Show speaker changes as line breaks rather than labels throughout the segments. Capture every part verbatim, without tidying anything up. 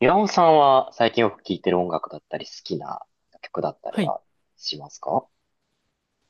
岩尾さんは最近よく聴いてる音楽だったり、好きな曲だったり
はい。
はしますか？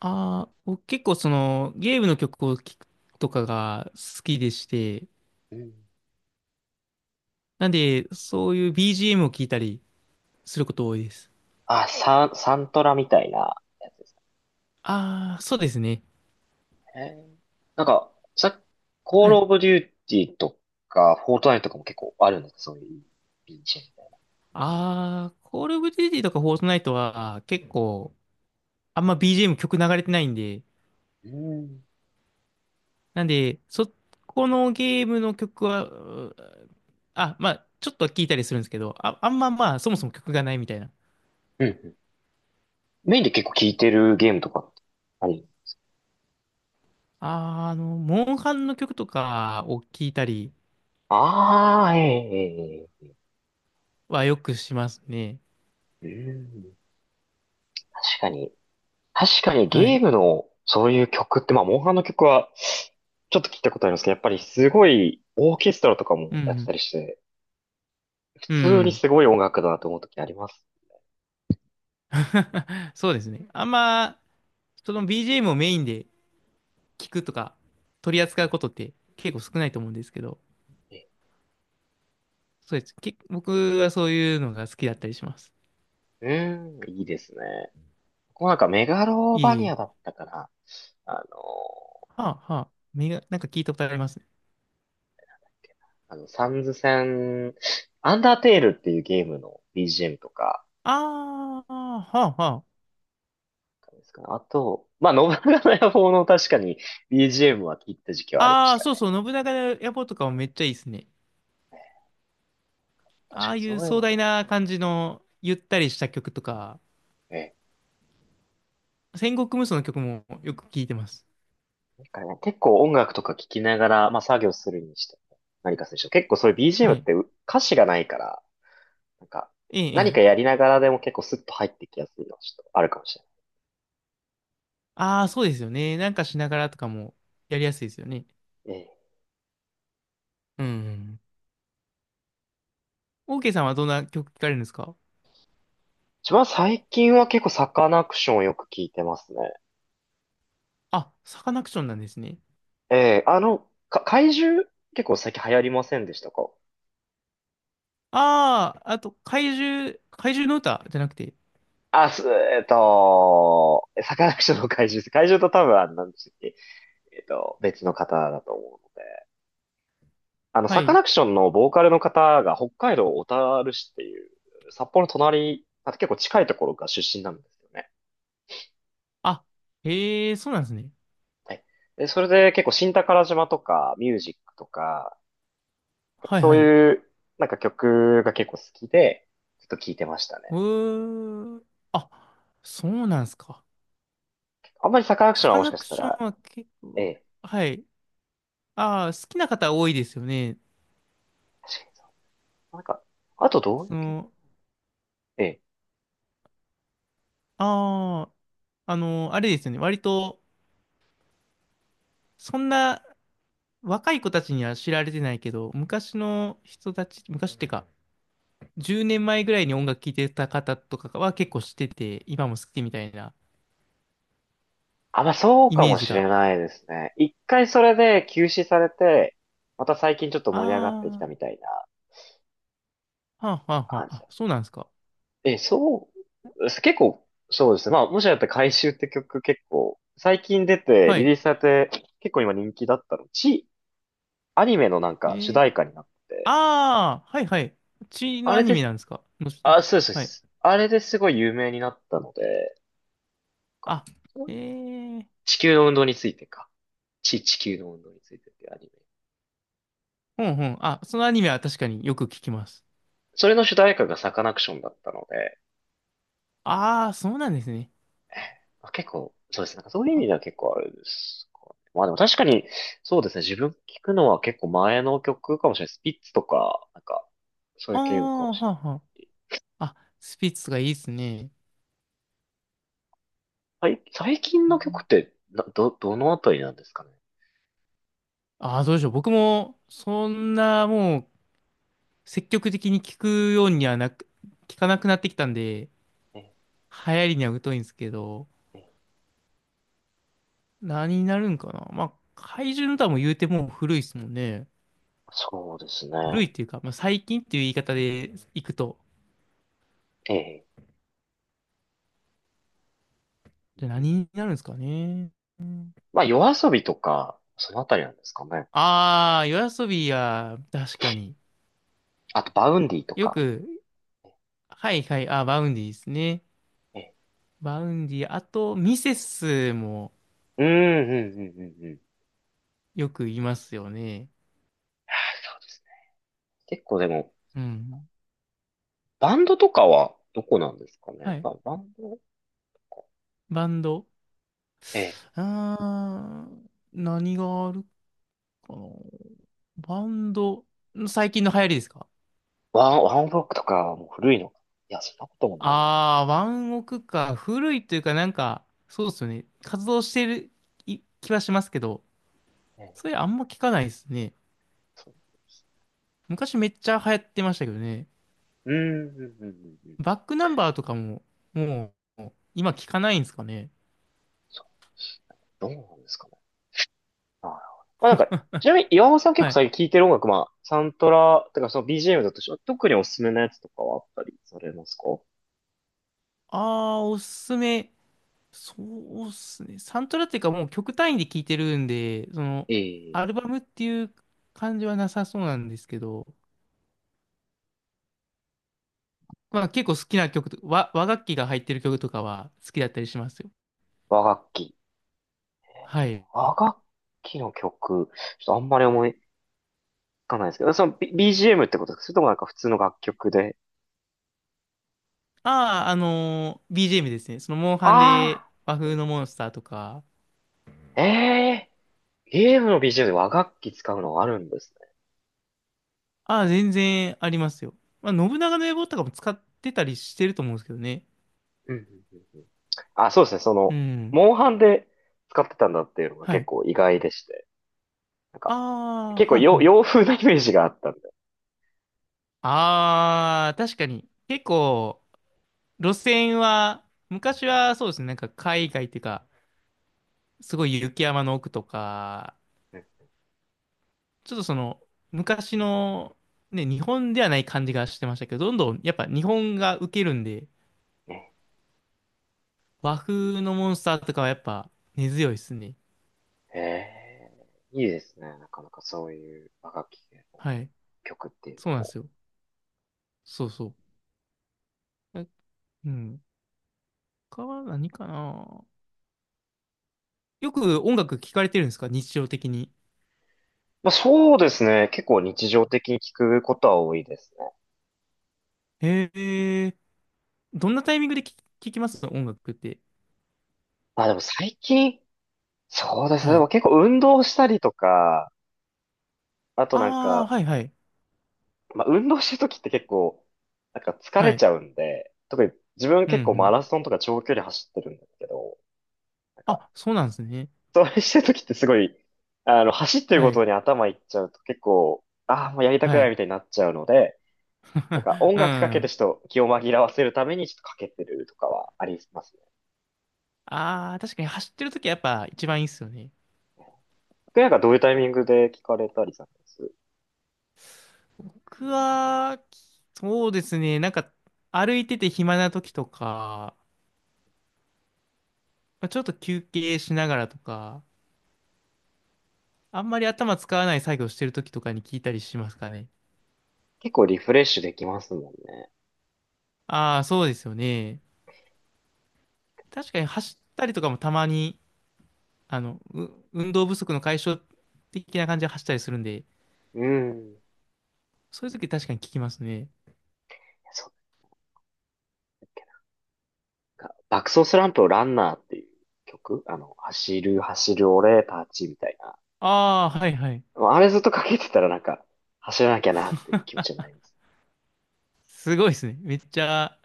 ああ、僕結構そのゲームの曲を聴くとかが好きでして、
うん。
なんでそういう ビージーエム を聴いたりすること多いです。
あ、サン、サントラみたいなやつです
ああ、そうですね。
かね。なんか、さ、コー
は
ル
い。
オブデューティーとか、フォートナイトとかも結構あるんですか？そういうビージ
ああ、コールオブデューティーとかフォートナイトは結構あんま ビージーエム 曲流れてないんで、なんでそこのゲームの曲は、うあ、まあちょっとは聴いたりするんですけど、あ、あんま、まあそもそも曲がないみたいな。
ーエムみたいな。うん。うんうん。メインで結構聴いてるゲームとかってあり。
あー、あの、モンハンの曲とかを聴いたり
ああ、ええ、
はよくしますね。
ええ。うん。確かに。確かに
は
ゲー
い。
ムのそういう曲って、まあ、モンハンの曲はちょっと聞いたことありますけど、やっぱりすごいオーケストラとか
う
もやってた
ん。
りして、普
う
通に
ん。
すごい音楽だなと思う時あります
そうですね。あんま、その ビージーエム をメインで聞くとか、取り扱うことって結構少ないと思うんですけど、
ね。
そうです。け、僕はそういうのが好きだったりします。
うーん、いいですね。こうなんかメガロ
いえ
バ
い
ニ
え。
アだったかな。あの、
はあ、はあ。目が、なんか聞いたことありますね。
あの、サンズ戦、アンダーテールっていうゲームの ビージーエム とか、
ああ、はあ、は
ですかね。あと、まあ、信長の野望の確かに ビージーエム は聞いた時期はありま
あ。あ
し
あ、
たね。
そうそう。信長野望とかもめっちゃいいですね。
ね、確
あ
か
あ
に
い
そ
う
ういうの
壮大
も。
な感じの、ゆったりした曲とか、
ええ。
戦国無双の曲もよく聞いてます。
だからね、結構音楽とか聞きながら、まあ作業するにしても、何かするにしても、結構そういう
は
ビージーエム っ
い。
てう歌詞がないから、なんか、
ええ、え
何かや
え。
りながらでも結構スッと入ってきやすいのはちょっとあるかもし
ああ、そうですよね。なんかしながらとかもやりやすいですよね。
れない。ええ。
うん。オーケーさんはどんな曲聞かれるんですか？
一番最近は結構サカナクションをよく聞いてますね。
あ、サカナクションなんですね。
ええ、あの、か、怪獣結構最近流行りませんでしたか？
ああ、あと、怪獣、怪獣の歌じゃなくて。
あ、す、えっと、サカナクションの怪獣です。怪獣と多分あの、なんでしたっけ？えっと、別の方だと思う。あの、
は
サカ
い。
ナクションのボーカルの方が北海道小樽市っていう、札幌の隣、あ、結構近いところが出身なんですよね。
あ、へえ、そうなんですね。
はい。で、それで結構新宝島とかミュージックとか、やっぱ
はい
そう
はい。
いうなんか曲が結構好きで、ちょっと聴いてましたね。
うー。あ、そうなんですか。
あんまりサカナクショ
サ
ンは
カ
もし
ナ
か
ク
した
ショ
ら、
ンは結
え
構、
え、
はい。ああ、好きな方多いですよね。
確かにそう。なんか、あとどういう
そ
系。
の、
ええ。
ああ、あの、あれですよね。割と、そんな、若い子たちには知られてないけど、昔の人たち、昔ってか、じゅうねんまえぐらいに音楽聴いてた方とかは結構知ってて、今も好きみたいな
あ、まあそう
イ
か
メ
も
ージ
しれ
が。
ないですね。一回それで休止されて、また最近ちょっと盛り上がってき
あ
た
ー、
みたいな
はあ、はあ、は
感
あ、
じ。
あ、そうなんですか。
え、そう、結構、そうですね。まあ、もしやったら回収って曲結構、最近出て、
は
リリ
い。
ースされて、結構今人気だったの。ち、アニメのなん
え
か主
ー、
題歌になって、
あー、はい、はい。血の
あ
ア
れ
ニメ
で、
なんですかのして、
あ、そうです、そうで
はい。
す。あれですごい有名になったので、なんか
あ、
そう
え
いう
ー、
地球の運動についてか。ち、地球の運動についてっていうアニメ。
ほんほん。あ、そのアニメは確かによく聞きます。
それの主題歌がサカナクションだったので、
あー、そうなんですね。
まあ結構、そうですね。なんかそういう意
あ、
味では結構あれですかね。まあでも確かに、そうですね。自分聞くのは結構前の曲かもしれない。スピッツとか、なんか、そうい
あ
う系かも
ー、
しれ
はあ、はあ。あ、スピッツがいいですね。
ない。最最近の曲ってな、ど、どのあたりなんですかね。
ああ、どうでしょう。僕も、そんな、もう、積極的に聞くようにはなく、聞かなくなってきたんで、
ええ、
流行りには疎いんですけど、
ええ。
何になるんかな。まあ、怪獣の歌も言うてもう古いですもんね。
そうです
古い
ね。
っていうか、まあ、最近っていう言い方でいくと。
ええ。
じゃあ何になるんですかね。
まあ、夜遊びとか、そのあたりなんですかね。
ああ、夜遊びは、確かに。
あと、バウンディと
よ
か。
く、はいはい、あ、バウンディですね。
ええ。
バウンディ、あと、ミセスも
うん、うん、うん、うん、うん。
よく言いますよね。
ああ、そうですね。結構でも、
うん。
バンドとかはどこなんですかね。
はい、
まあ、バンド、
バンド。
ええ。
うーん、何があるかな。バンド、最近の流行りですか？
ワン、ワンオブロックとかはもう古いのか。いや、そんなこともない。
ああー、ワンオクか。古いというか、なんか、そうですよね。活動してるい気はしますけど、
え
そ
え、
れあんま聞かないですね。
そうです。
昔めっちゃ流行ってましたけどね。
うーん、うん、うん、うん。うん。
バックナンバーとかも、もう、今聞かないんですかね。
そうですね。どうなんですかね。なるほど。まあなんか、ちなみに岩尾さん結
は
構
い。
最近聴いてる音楽、まあ、サントラ、てかその ビージーエム だとして特におすすめのやつとかはあったりされますか？
ああ、おすすめ。そうっすね。サントラっていうかもう曲単位で聴いてるんで、その、
ええ、
アルバムっていう感じはなさそうなんですけど、まあ結構好きな曲と、和、和楽器が入ってる曲とかは好きだったりしますよ。
和楽器。
はい。
和楽器の曲、ちょっとあんまり思いつかないですけど、その、B、ビージーエム ってことですかそれともなんか普通の楽曲で。
ああ、あのー ビージーエム ですね。その、モンハンで
あ
和
あ、
風のモンスターとか、
ええ。ゲームのビ ビージーエム で和楽器使うのがあるんですね。
ああ、全然ありますよ。まあ、信長の野望とかも使ってたりしてると思うんですけどね。
うんうんうんうん。あ、そうですね。そ
う
の、
ん。
モンハンで使ってたんだっていうのが
は
結
い。
構意外でして。なんか、
ああ、
結構
はい
洋、
は
洋
い。
風なイメージがあったんで。
ああ、確かに。結構、路線は、昔はそうですね、なんか海外っていうか、すごい雪山の奥とか、
うん。
ちょっとその、昔の、ね、日本ではない感じがしてましたけど、どんどんやっぱ日本が受けるんで、
ね。
和風のモンスターとかはやっぱ根強いですね。
へえ、いいですね。なかなかそういう和楽器系の
はい。
曲っていうの
そうなんで
も。
すよ。そうそう。えうん。他は何かな。よく音楽聴かれてるんですか日常的に。
まあそうですね。結構日常的に聞くことは多いですね。
へえ。どんなタイミングで聴き聞きます音楽って。
まあでも最近、そうですね。
は
で
い。
も結構運動したりとか、あとなん
ああ、
か、
はいはい。
まあ、運動してる時って結構、なんか疲
は
れち
い。
ゃうんで、特に自分
うんう
結構マ
ん、
ラソンとか長距離走ってるんですけど、なんか、
あ、そうなんですね。
それしてる時ってすごい、あの、走ってる
は
こ
い。
とに頭いっちゃうと結構、ああ、もうやりたく
は
ない
い。
みたいになっちゃうので、なんか 音
う
楽かけて
ん。
ちょっと気を紛らわせるためにちょっとかけてるとかはありますね。
ああ、確かに走ってるときはやっぱ一番いいっすよね。
僕なんかどういうタイミングで聞かれたりされます？
僕は、そうですね。なんか、歩いてて暇なときとか、まあちょっと休憩しながらとか、あんまり頭使わない作業してるときとかに聞いたりしますかね。
結構リフレッシュできますもんね。
ああ、そうですよね。確かに走ったりとかもたまに、あの、う運動不足の解消的な感じで走ったりするんで、
うん。
そういうとき確かに聞きますね。
そうか。爆走スランプをランナーっていう曲あの、走る、走る、俺、パーチみたいな。
ああ、はいはい。
あれずっとかけてたらなんか、走らなきゃなっていう気持ちになります。
すごいですね。めっちゃ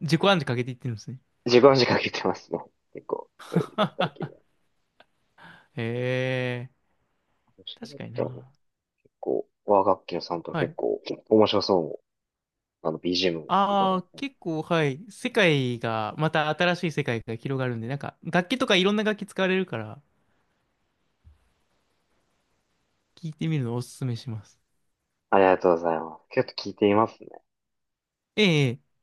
自己暗示かけていってるんですね。
自分時間かけてますもん。結構、そういう意味では最近は。
へえ、
そ
確
だっ
かに
たらもう
な。
結構、和楽器のサウントは
は
結
い。
構面白そう。あの、ビージーエム 伺
あ
っ
あ、
て。
結構、はい。世界が、また新しい世界が広がるんで、なんか、楽器とかいろんな楽器使われるから、聞いてみるのをおすすめします。
ありがとうございます。結構聞いていますね。
ええ。ええ